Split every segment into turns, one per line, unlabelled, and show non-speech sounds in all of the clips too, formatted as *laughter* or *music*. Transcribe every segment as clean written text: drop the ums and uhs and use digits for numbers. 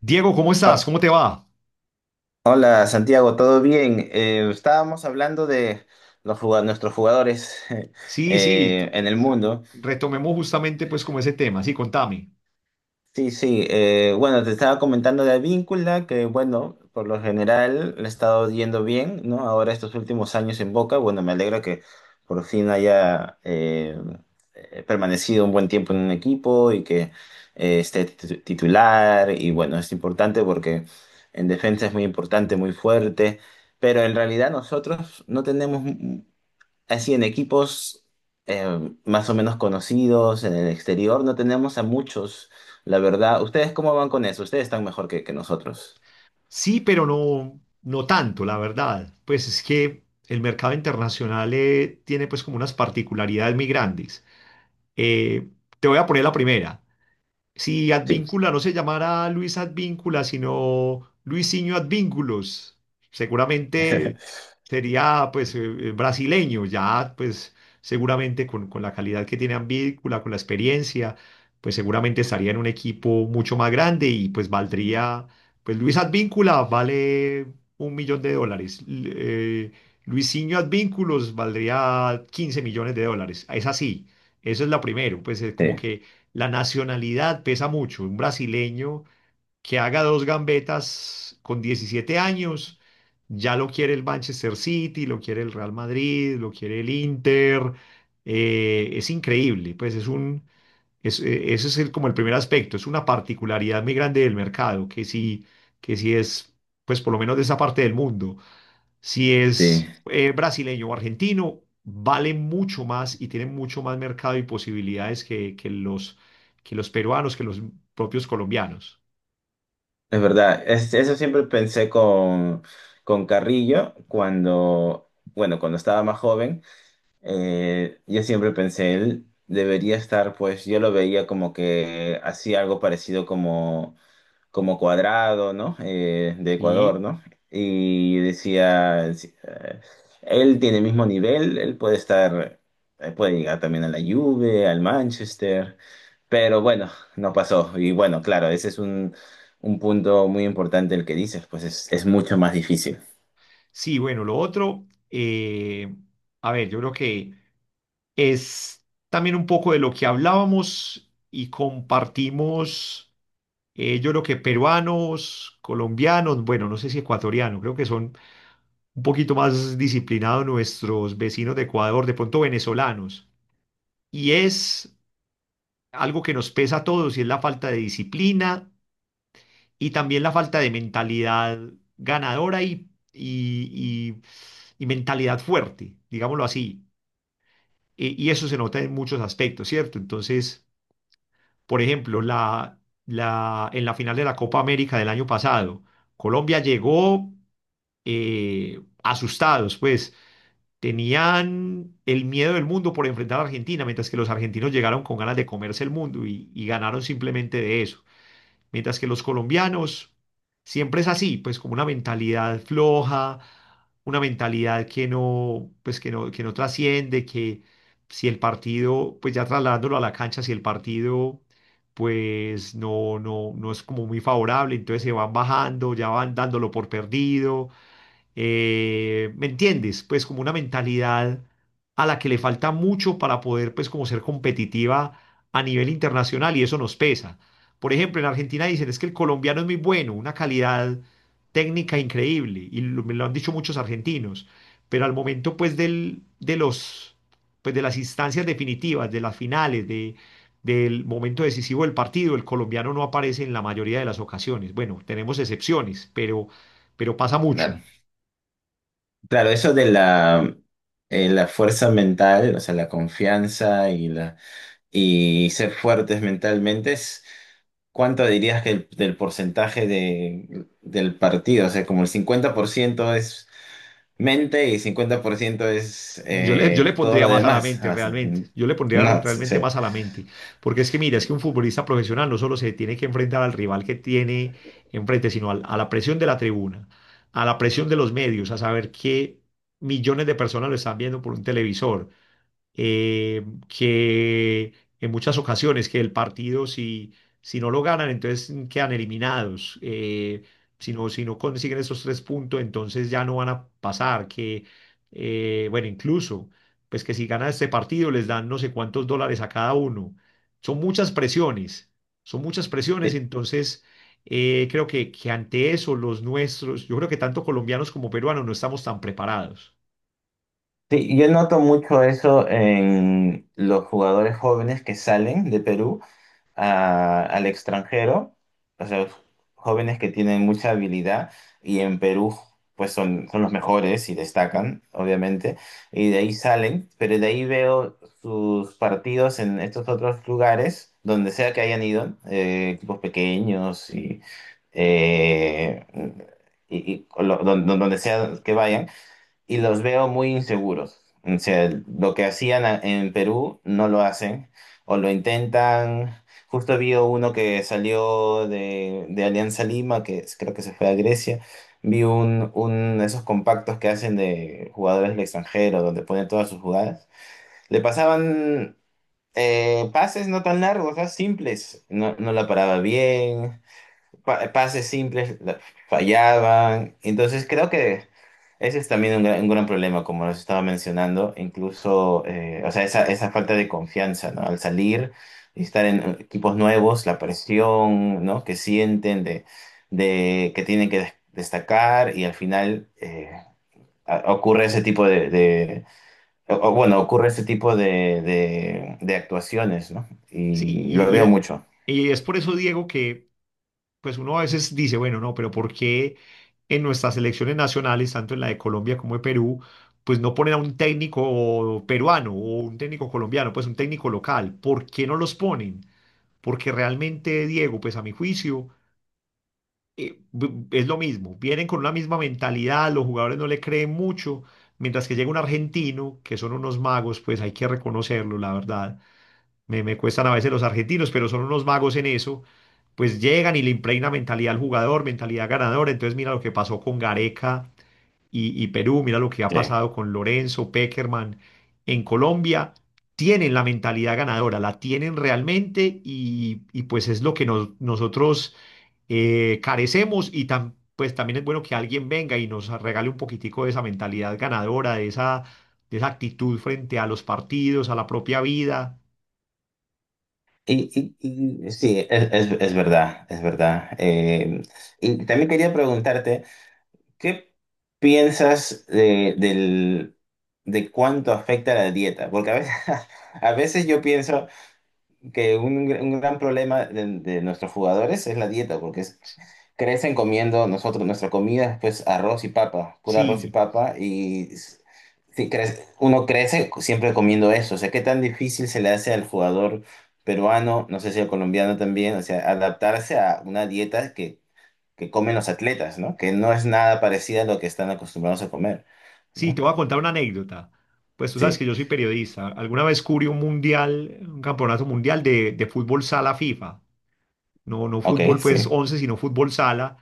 Diego, ¿cómo estás?
Ho-
¿Cómo te va?
Hola Santiago, ¿todo bien? Estábamos hablando de nuestros jugadores *laughs*
Sí, sí,
en el mundo.
retomemos justamente pues como ese tema, sí, contame.
Sí, sí. Bueno, te estaba comentando de Advíncula, que bueno, por lo general le ha estado yendo bien, ¿no? Ahora estos últimos años en Boca, bueno, me alegra que por fin haya permanecido un buen tiempo en un equipo y que esté titular. Y bueno, es importante porque en defensa es muy importante, muy fuerte. Pero en realidad nosotros no tenemos. Así en equipos más o menos conocidos en el exterior no tenemos a muchos, la verdad. ¿Ustedes cómo van con eso? Ustedes están mejor que nosotros.
Sí, pero no, no tanto, la verdad. Pues es que el mercado internacional tiene pues como unas particularidades muy grandes. Eh, Te voy a poner la primera. Si
Sí,
Advíncula no se llamara Luis Advíncula, sino Luisinho Advínculos, seguramente
*laughs*
sería pues brasileño, ya pues seguramente con la calidad que tiene Advíncula, con la experiencia, pues seguramente estaría en un equipo mucho más grande y pues valdría, pues Luis Advíncula vale 1 millón de dólares. Luisinho Advínculos valdría 15 millones de dólares. Es así, eso es lo primero, pues es como
sí,
que la nacionalidad pesa mucho. Un brasileño que haga dos gambetas con 17 años, ya lo quiere el Manchester City, lo quiere el Real Madrid, lo quiere el Inter. Es increíble, pues es un, es, ese es el, como el primer aspecto, es una particularidad muy grande del mercado, que sí es, pues por lo menos de esa parte del mundo, si
sí,
es brasileño o argentino, vale mucho más y tiene mucho más mercado y posibilidades que los peruanos, que los propios colombianos.
es verdad. Eso siempre pensé con Carrillo cuando, bueno, cuando estaba más joven. Yo siempre pensé, él debería estar, pues yo lo veía como que hacía algo parecido como como Cuadrado, ¿no? De Ecuador,
Sí,
¿no? Y decía, sí, él tiene el mismo nivel, él puede estar, puede llegar también a la Juve, al Manchester, pero bueno, no pasó. Y bueno, claro, ese es un punto muy importante el que dices, pues es mucho más difícil.
sí, bueno, lo otro, a ver, yo creo que es también un poco de lo que hablábamos y compartimos. Yo creo que peruanos, colombianos, bueno, no sé si ecuatorianos, creo que son un poquito más disciplinados nuestros vecinos de Ecuador, de pronto venezolanos. Y es algo que nos pesa a todos y es la falta de disciplina y también la falta de mentalidad ganadora y mentalidad fuerte, digámoslo así. Y eso se nota en muchos aspectos, ¿cierto? Entonces, por ejemplo, en la final de la Copa América del año pasado, Colombia llegó asustados, pues tenían el miedo del mundo por enfrentar a Argentina, mientras que los argentinos llegaron con ganas de comerse el mundo y ganaron simplemente de eso. Mientras que los colombianos siempre es así, pues como una mentalidad floja, una mentalidad que no trasciende, que si el partido, pues ya trasladándolo a la cancha, si el partido pues no, no, no es como muy favorable, entonces se van bajando, ya van dándolo por perdido, ¿me entiendes? Pues como una mentalidad a la que le falta mucho para poder pues como ser competitiva a nivel internacional y eso nos pesa. Por ejemplo, en Argentina dicen es que el colombiano es muy bueno, una calidad técnica increíble y me lo han dicho muchos argentinos, pero al momento pues del, de los pues de las instancias definitivas, de las finales, de del momento decisivo del partido, el colombiano no aparece en la mayoría de las ocasiones. Bueno, tenemos excepciones, pero pasa mucho.
Claro. Claro, eso de la, la fuerza mental, o sea, la confianza y la y ser fuertes mentalmente, ¿cuánto dirías que del porcentaje de, del partido? O sea, como el 50% es mente y 50% es
Yo le
todo lo
pondría más a la
demás.
mente,
O sea,
realmente. Yo le pondría
no, sí,
realmente
sí.
más a la mente. Porque es que, mira, es que un futbolista profesional no solo se tiene que enfrentar al rival que tiene enfrente, sino a la presión de la tribuna, a la presión de los medios, a saber que millones de personas lo están viendo por un televisor, que en muchas ocasiones que el partido si no lo ganan, entonces quedan eliminados. Si no, si no consiguen esos 3 puntos, entonces ya no van a pasar. Bueno, incluso, pues que si ganan este partido les dan no sé cuántos dólares a cada uno. Son muchas presiones, son muchas presiones,
Sí,
entonces... Creo que ante eso los nuestros, yo creo que tanto colombianos como peruanos no estamos tan preparados.
sí, yo noto mucho eso en los jugadores jóvenes que salen de Perú. Al extranjero, o sea, jóvenes que tienen mucha habilidad y en Perú pues son, son los mejores y destacan, obviamente, y de ahí salen, pero de ahí veo sus partidos en estos otros lugares, donde sea que hayan ido, equipos pequeños y, eh, donde sea que vayan y los veo muy inseguros. O sea, lo que hacían en Perú no lo hacen o lo intentan. Justo vi uno que salió de Alianza Lima, creo que se fue a Grecia. Vi un esos compactos que hacen de jugadores del extranjero, donde ponen todas sus jugadas. Le pasaban pases no tan largos, o sea, simples. No, no la paraba bien, pases simples fallaban. Entonces creo que ese es también un gran problema, como les estaba mencionando, incluso, o sea, esa falta de confianza, ¿no? Al salir y estar en equipos nuevos, la presión, ¿no? Que sienten de que tienen que destacar y al final ocurre ese tipo de, bueno, ocurre ese tipo de actuaciones, ¿no?
Sí,
Y
y,
lo
y
veo
es
mucho.
y es por eso, Diego, que pues uno a veces dice, bueno, no, pero ¿por qué en nuestras selecciones nacionales, tanto en la de Colombia como de Perú, pues no ponen a un técnico peruano o un técnico colombiano, pues un técnico local? ¿Por qué no los ponen? Porque realmente, Diego, pues a mi juicio, es lo mismo. Vienen con una misma mentalidad, los jugadores no le creen mucho, mientras que llega un argentino, que son unos magos, pues hay que reconocerlo, la verdad me cuestan a veces los argentinos, pero son unos magos en eso, pues llegan y le impregna mentalidad al jugador, mentalidad ganadora. Entonces mira lo que pasó con Gareca y Perú, mira lo que ha
Sí.
pasado con Lorenzo, Pekerman en Colombia. Tienen la mentalidad ganadora, la tienen realmente y pues es lo que nosotros carecemos y pues también es bueno que alguien venga y nos regale un poquitico de esa mentalidad ganadora, de esa actitud frente a los partidos, a la propia vida.
Y, sí, es, es verdad, es verdad. Y también quería preguntarte, ¿qué piensas de, del, de cuánto afecta la dieta? Porque a veces, *laughs* a veces yo pienso que un gran problema de nuestros jugadores es la dieta, porque es crecen comiendo nosotros, nuestra comida, pues arroz y papa, pura arroz y
Sí,
papa, si crece, uno crece siempre comiendo eso. O sea, qué tan difícil se le hace al jugador peruano, no sé si al colombiano también, o sea, adaptarse a una dieta que comen los atletas, ¿no? Que no es nada parecida a lo que están acostumbrados a comer,
sí, te
¿no?
voy a contar una anécdota. Pues tú sabes que
Sí,
yo soy periodista. Alguna vez cubrí un mundial, un campeonato mundial de fútbol sala FIFA. No, no
ok,
fútbol pues
sí.
11, sino fútbol sala.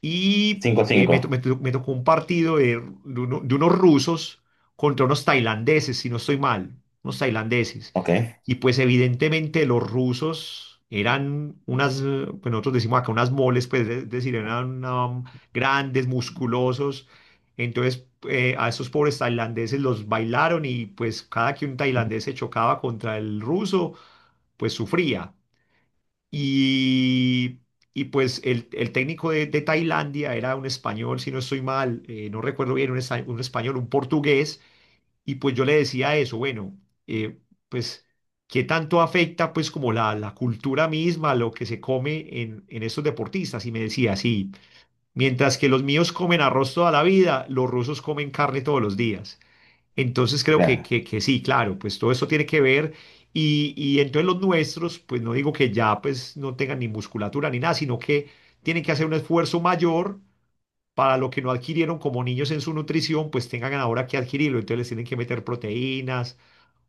Y
Cinco
eh,
cinco.
me, to- me to- me tocó un partido de unos rusos contra unos tailandeses, si no estoy mal, unos tailandeses.
Ok,
Y pues evidentemente los rusos eran pues nosotros decimos acá unas moles, pues es decir, eran grandes, musculosos. Entonces a esos pobres tailandeses los bailaron y pues cada que un tailandés se chocaba contra el ruso, pues sufría. Y, y pues el técnico de Tailandia era un español, si no estoy mal, no recuerdo bien, un español, un portugués y pues yo le decía eso, bueno, eh, pues, ¿qué tanto afecta pues como la cultura misma, lo que se come en estos deportistas? Y me decía, sí, mientras que los míos comen arroz toda la vida, los rusos comen carne todos los días. Entonces creo que,
claro.
que, que sí, claro, pues todo esto tiene que ver. Y entonces los nuestros, pues no digo que ya pues no tengan ni musculatura ni nada, sino que tienen que hacer un esfuerzo mayor para lo que no adquirieron como niños en su nutrición, pues tengan ahora que adquirirlo. Entonces les tienen que meter proteínas,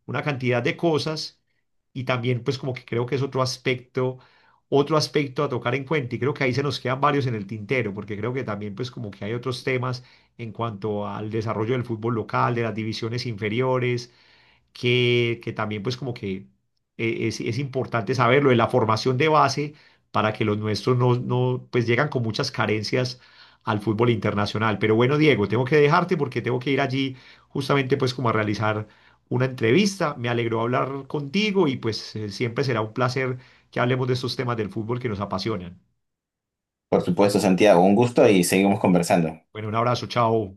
una cantidad de cosas y también pues como que creo que es otro aspecto a tocar en cuenta y creo que ahí se nos quedan varios en el tintero porque creo que también pues como que hay otros temas en cuanto al desarrollo del fútbol local, de las divisiones inferiores, que también pues como que es importante saberlo, de la formación de base para que los nuestros no, no, pues llegan con muchas carencias al fútbol internacional. Pero bueno, Diego, tengo que dejarte porque tengo que ir allí justamente pues como a realizar una entrevista. Me alegró hablar contigo y pues siempre será un placer que hablemos de estos temas del fútbol que nos apasionan.
Por supuesto, Santiago, un gusto y seguimos conversando.
Bueno, un abrazo, chao.